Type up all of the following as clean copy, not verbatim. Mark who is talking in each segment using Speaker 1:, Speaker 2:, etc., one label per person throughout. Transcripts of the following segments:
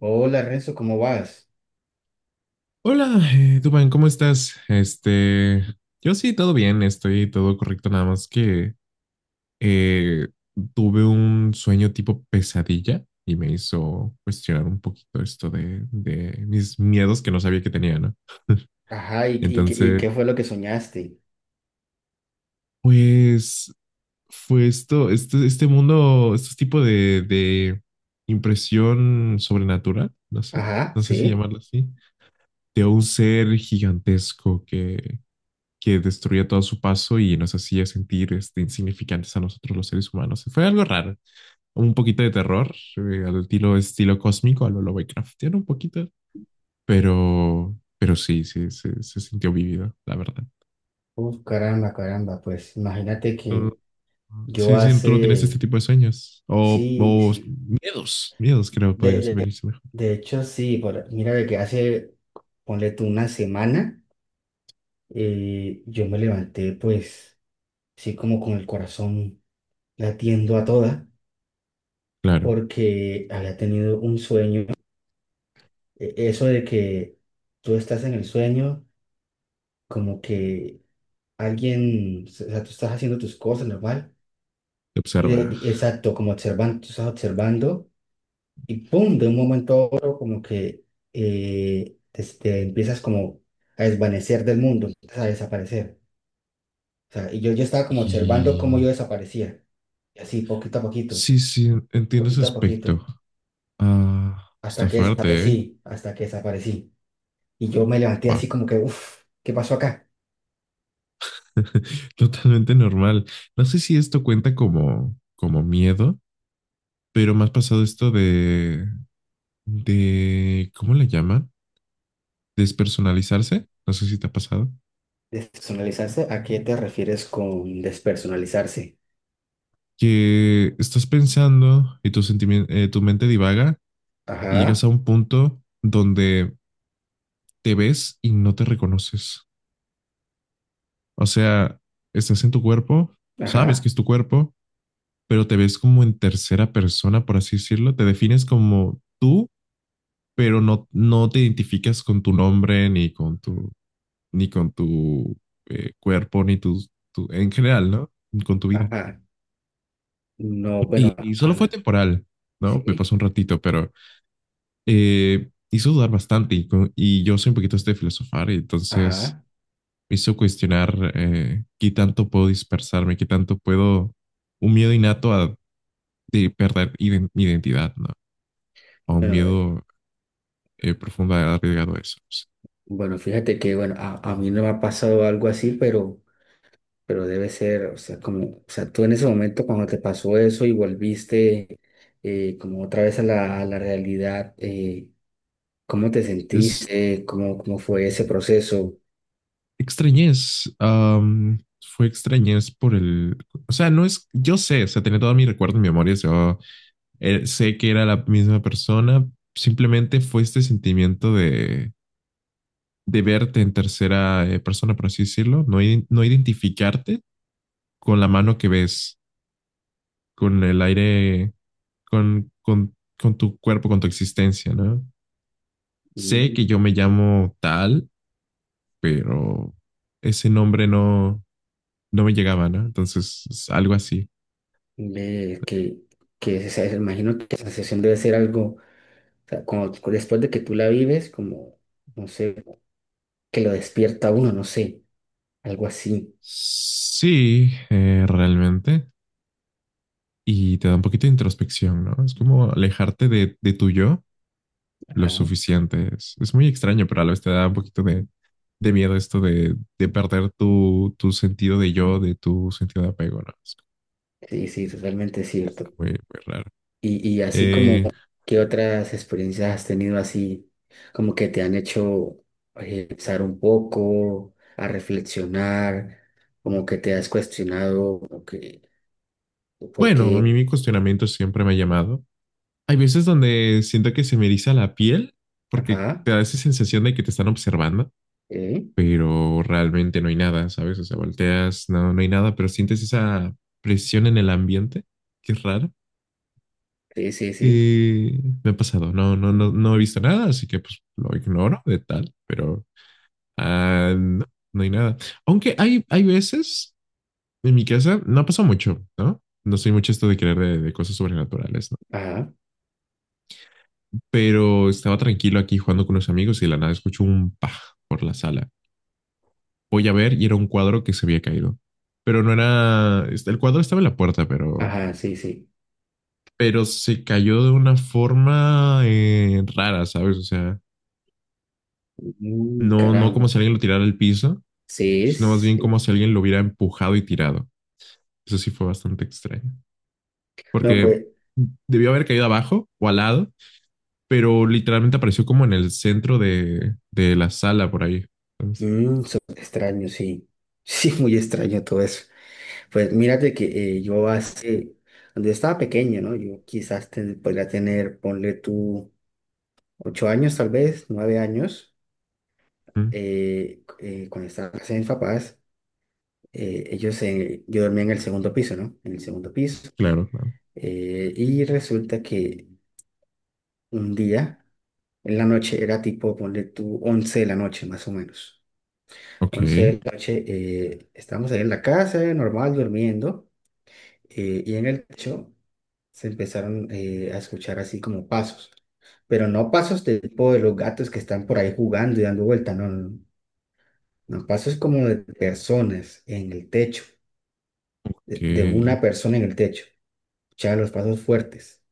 Speaker 1: Hola, Renzo, ¿cómo vas?
Speaker 2: Hola, Dubán, ¿cómo estás? Yo sí, todo bien, estoy todo correcto, nada más que eh, tuve un sueño tipo pesadilla y me hizo cuestionar un poquito esto de mis miedos que no sabía que tenía, ¿no?
Speaker 1: Ajá, ¿y, qué
Speaker 2: Entonces,
Speaker 1: fue lo que soñaste?
Speaker 2: pues fue esto, este mundo, este tipo de impresión sobrenatural, no sé,
Speaker 1: Ajá,
Speaker 2: no sé si
Speaker 1: sí.
Speaker 2: llamarlo así, de un ser gigantesco que destruía todo a su paso y nos hacía sentir este, insignificantes a nosotros los seres humanos. Fue algo raro, un poquito de terror, al estilo, estilo cósmico, a lo Lovecraftiano un poquito, pero sí, sí, se sintió vivido, la verdad.
Speaker 1: Uf, caramba, caramba, pues imagínate
Speaker 2: Tú-
Speaker 1: que yo
Speaker 2: Sí, sí, tú no tienes este
Speaker 1: hace,
Speaker 2: tipo de sueños
Speaker 1: sí,
Speaker 2: o
Speaker 1: sí,
Speaker 2: miedos, miedos creo podría
Speaker 1: de,
Speaker 2: ser
Speaker 1: de,
Speaker 2: venirse mejor.
Speaker 1: de hecho sí, por- mira de que hace, ponle tú una semana, yo me levanté pues, sí, como con el corazón latiendo a toda,
Speaker 2: Claro,
Speaker 1: porque había tenido un sueño, e- eso de que tú estás en el sueño, como que alguien, o sea, tú estás haciendo tus cosas normal,
Speaker 2: te
Speaker 1: y
Speaker 2: observa.
Speaker 1: de- y- exacto, como observando, tú estás observando, y pum, de un momento a otro, como que te empiezas como a desvanecer del mundo, empiezas a desaparecer. O sea, yo estaba como observando cómo yo
Speaker 2: Y
Speaker 1: desaparecía, y así,
Speaker 2: sí, sí, entiendo ese
Speaker 1: poquito a poquito,
Speaker 2: aspecto. Ah, está
Speaker 1: hasta que
Speaker 2: fuerte, ¿eh?
Speaker 1: desaparecí, hasta que desaparecí. Y yo me levanté
Speaker 2: Wow.
Speaker 1: así como que, uff, ¿qué pasó acá?
Speaker 2: Totalmente normal. No sé si esto cuenta como, como miedo, pero más pasado esto de, ¿cómo le llaman? Despersonalizarse. No sé si te ha pasado.
Speaker 1: Despersonalizarse, ¿a qué te refieres con despersonalizarse?
Speaker 2: Que estás pensando y tu mente divaga y llegas
Speaker 1: Ajá,
Speaker 2: a un punto donde te ves y no te reconoces. O sea, estás en tu cuerpo, sabes que
Speaker 1: ajá.
Speaker 2: es tu cuerpo, pero te ves como en tercera persona, por así decirlo. Te defines como tú pero no, no te identificas con tu nombre, ni con tu, ni con tu cuerpo, ni tus- tu, en general, ¿no? Con tu vida.
Speaker 1: Ajá. No, bueno,
Speaker 2: Y solo fue
Speaker 1: ah,
Speaker 2: temporal, ¿no? Me pasó
Speaker 1: sí.
Speaker 2: un ratito, pero hizo dudar bastante y yo soy un poquito este de filosofar, y entonces
Speaker 1: Ajá.
Speaker 2: me hizo cuestionar qué tanto puedo dispersarme, qué tanto puedo, un miedo innato a, de perder mi identidad, ¿no? O un
Speaker 1: Bueno,
Speaker 2: miedo profundo a arriesgado a eso.
Speaker 1: bueno, fíjate que, bueno, a mí no me ha pasado algo así, pero debe ser, o sea, como, o sea, tú en ese momento cuando te pasó eso y volviste como otra vez a la realidad, ¿cómo te
Speaker 2: Es,
Speaker 1: sentiste? ¿Cómo, cómo fue ese proceso?
Speaker 2: Extrañez, fue extrañez por el, o sea, no es, yo sé, o sea, tenía todo mi recuerdo en mi memoria, yo sé que era la misma persona, simplemente fue este sentimiento de verte en tercera persona, por así decirlo, no, no identificarte con la mano que ves, con el aire, con tu cuerpo, con tu existencia, ¿no? Sé que
Speaker 1: Mm,
Speaker 2: yo me llamo tal, pero ese nombre no, no me llegaba, ¿no? Entonces, es algo así.
Speaker 1: ve que, o sea, imagino que esa sensación debe ser algo, o sea, cuando- después de que tú la vives, como, no sé, que lo despierta a uno, no sé. Algo así.
Speaker 2: Sí, realmente. Y te da un poquito de introspección, ¿no? Es como alejarte de tu yo lo
Speaker 1: Ajá.
Speaker 2: suficiente. Es muy extraño, pero a la vez te da un poquito de miedo esto de perder tu, tu sentido de yo, de tu sentido de apego, ¿no? Es,
Speaker 1: Sí, sí, totalmente
Speaker 2: está
Speaker 1: cierto.
Speaker 2: muy, muy raro.
Speaker 1: Y así como,
Speaker 2: Eh,
Speaker 1: ¿qué otras experiencias has tenido así, como que te han hecho pensar un poco, a reflexionar, como que te has cuestionado, como que, por
Speaker 2: bueno, a
Speaker 1: qué?
Speaker 2: mí mi cuestionamiento siempre me ha llamado. Hay veces donde siento que se me eriza la piel porque
Speaker 1: Ajá,
Speaker 2: te da esa sensación de que te están observando
Speaker 1: eh,
Speaker 2: pero realmente no hay nada, ¿sabes? O sea, volteas, no, no hay nada, pero sientes esa presión en el ambiente, que es rara.
Speaker 1: sí, sí, sí,
Speaker 2: Me ha pasado, no, no, no, no he visto nada, así que pues lo ignoro de tal, pero no, no hay nada. Aunque hay veces en mi casa, no ha pasado mucho, ¿no? No soy mucho esto de creer de cosas sobrenaturales, ¿no?
Speaker 1: ajá,
Speaker 2: Pero estaba tranquilo aquí jugando con unos amigos y de la nada escucho un pa por la sala. Voy a ver y era un cuadro que se había caído. Pero no era, este, el cuadro estaba en la puerta,
Speaker 1: ajá, sí, sí.
Speaker 2: pero se cayó de una forma rara, ¿sabes? O sea,
Speaker 1: Mm,
Speaker 2: no, no como
Speaker 1: caramba,
Speaker 2: si alguien lo tirara al piso,
Speaker 1: sí,
Speaker 2: sino más bien como
Speaker 1: sí.
Speaker 2: si alguien lo hubiera empujado y tirado. Eso sí fue bastante extraño,
Speaker 1: No,
Speaker 2: porque
Speaker 1: pues,
Speaker 2: debió haber caído abajo o al lado, pero literalmente apareció como en el centro de la sala por ahí. Entonces,
Speaker 1: mm, so- extraño, sí, sí, muy extraño todo eso. Pues mírate que yo hace, cuando yo estaba pequeño, ¿no? Yo quizás ten- podría tener, ponle tú, 8 años tal vez, 9 años,
Speaker 2: mm,
Speaker 1: cuando estaba en casa de mis papás, ellos, yo dormía en el segundo piso, ¿no? En el segundo piso.
Speaker 2: claro, claro.
Speaker 1: Y resulta que un día, en la noche, era tipo, ponle tú, 11 de la noche más o menos.
Speaker 2: Ok,
Speaker 1: 11 de la noche, estábamos ahí en la casa, normal, durmiendo. Y en el techo se empezaron a escuchar así como pasos, pero no pasos de tipo de los gatos que están por ahí jugando y dando vuelta, no, no, no, pasos como de personas en el techo, de
Speaker 2: que
Speaker 1: una persona en el techo, escuchaba los pasos fuertes,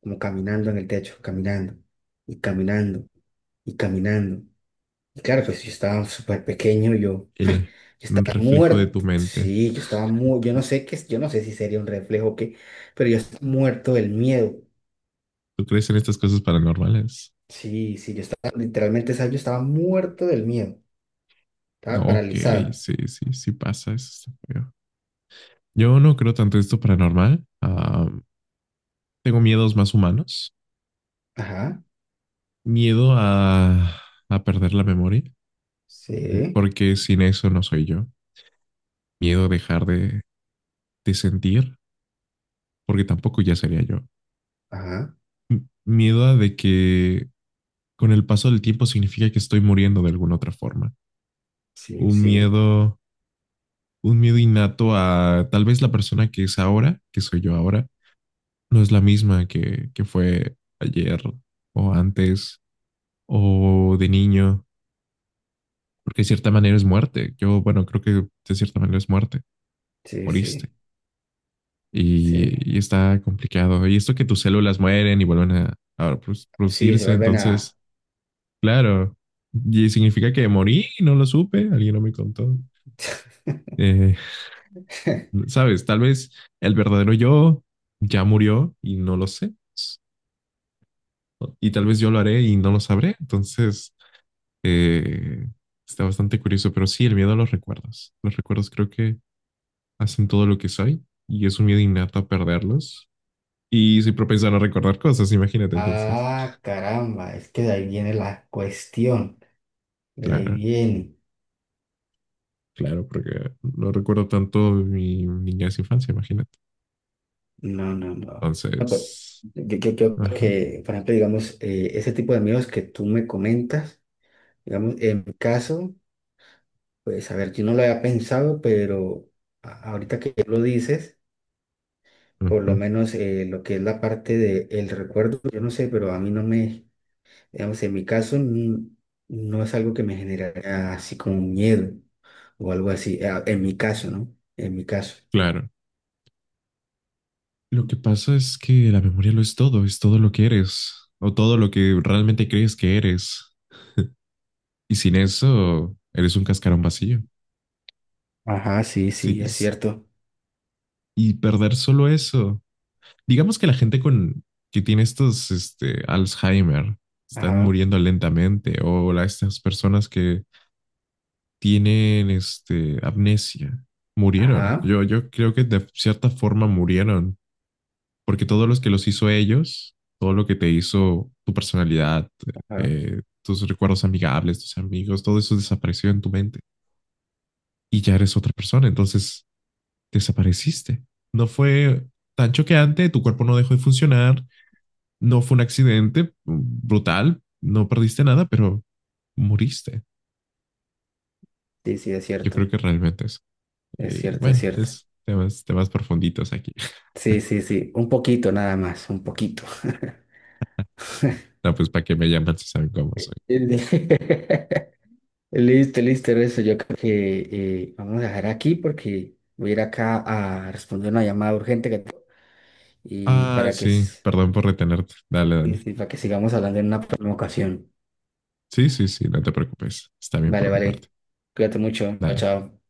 Speaker 1: como caminando en el techo, caminando y caminando y caminando. Y claro, pues yo estaba súper pequeño, yo
Speaker 2: era un
Speaker 1: estaba
Speaker 2: reflejo de tu
Speaker 1: muerto,
Speaker 2: mente.
Speaker 1: sí, yo estaba muy, yo no sé qué, es- yo no sé si sería un reflejo o qué, pero yo estaba muerto del miedo.
Speaker 2: ¿Tú crees en estas cosas paranormales?
Speaker 1: Sí, sí, yo estaba, literalmente, ¿sabes? Yo estaba muerto del miedo,
Speaker 2: No,
Speaker 1: estaba
Speaker 2: ok,
Speaker 1: paralizado.
Speaker 2: sí, sí, sí pasa, eso está feo. Yo no creo tanto en esto paranormal. Ah, tengo miedos más humanos.
Speaker 1: Ajá,
Speaker 2: Miedo a perder la memoria,
Speaker 1: sí,
Speaker 2: porque sin eso no soy yo. Miedo a dejar de sentir, porque tampoco ya sería yo.
Speaker 1: ajá,
Speaker 2: Miedo a de que con el paso del tiempo significa que estoy muriendo de alguna otra forma.
Speaker 1: sí,
Speaker 2: Un
Speaker 1: sí,
Speaker 2: miedo, un miedo innato a tal vez la persona que es ahora, que soy yo ahora, no es la misma que fue ayer o antes o de niño, porque de cierta manera es muerte. Yo, bueno, creo que de cierta manera es muerte,
Speaker 1: sí,
Speaker 2: moriste.
Speaker 1: sí, sí,
Speaker 2: Y está complicado. Y esto que tus células mueren y vuelven a
Speaker 1: sí, se
Speaker 2: producirse,
Speaker 1: vuelven a...
Speaker 2: entonces, claro, y significa que morí y no lo supe, alguien no me contó. Eh, Sabes, tal vez el verdadero yo ya murió y no lo sé. Y tal vez yo lo haré y no lo sabré. Entonces, Eh, está bastante curioso, pero sí, el miedo a los recuerdos. Los recuerdos creo que hacen todo lo que soy y es un miedo innato a perderlos. Y soy propenso a no recordar cosas, imagínate entonces.
Speaker 1: Ah, caramba, es que de ahí viene la cuestión, de ahí
Speaker 2: Claro,
Speaker 1: viene.
Speaker 2: claro, porque no recuerdo tanto mi niñez e infancia, imagínate.
Speaker 1: No, no, no. No, pero
Speaker 2: Entonces,
Speaker 1: yo creo
Speaker 2: ajá,
Speaker 1: que, por ejemplo, digamos, ese tipo de miedos que tú me comentas, digamos, en mi caso, pues, a ver, yo no lo había pensado, pero a- ahorita que lo dices por lo
Speaker 2: ajá,
Speaker 1: menos lo que es la parte del recuerdo, yo no sé, pero a mí no me, digamos, en mi caso mm, no es algo que me generaría así como un miedo o algo así, en mi caso, ¿no? En mi caso.
Speaker 2: claro. Lo que pasa es que la memoria lo es todo lo que eres o todo lo que realmente crees que eres. Y sin eso, eres un cascarón vacío.
Speaker 1: Ajá, sí,
Speaker 2: Sí,
Speaker 1: sí, es cierto.
Speaker 2: y perder solo eso. Digamos que la gente con que tiene estos, este, Alzheimer, están
Speaker 1: Ajá,
Speaker 2: muriendo lentamente, o la- estas personas que tienen, este, amnesia, murieron.
Speaker 1: ajá,
Speaker 2: Yo creo que de cierta forma murieron, porque todos los que los hizo ellos, todo lo que te hizo tu personalidad,
Speaker 1: ajá.
Speaker 2: tus recuerdos amigables, tus amigos, todo eso desapareció en tu mente y ya eres otra persona. Entonces desapareciste. No fue tan choqueante, tu cuerpo no dejó de funcionar, no fue un accidente brutal, no perdiste nada, pero moriste.
Speaker 1: Sí, sí, es
Speaker 2: Yo
Speaker 1: cierto,
Speaker 2: creo que realmente es.
Speaker 1: es cierto, es
Speaker 2: Bueno,
Speaker 1: cierto.
Speaker 2: es temas, temas profunditos aquí.
Speaker 1: Sí, sí, sí, un poquito nada más, un poquito.
Speaker 2: No, pues para que me llaman si saben cómo soy.
Speaker 1: Listo, listo, eso yo creo que vamos a dejar aquí porque voy a ir acá a responder una llamada urgente que tengo y
Speaker 2: Ah,
Speaker 1: para que,
Speaker 2: sí,
Speaker 1: s-
Speaker 2: perdón por retenerte. Dale, dale.
Speaker 1: y para que sigamos hablando en una próxima ocasión.
Speaker 2: Sí, sí, sí, no te preocupes. Está bien
Speaker 1: Vale,
Speaker 2: por mi
Speaker 1: vale.
Speaker 2: parte.
Speaker 1: Cuídate mucho. Chao,
Speaker 2: Dale.
Speaker 1: chao.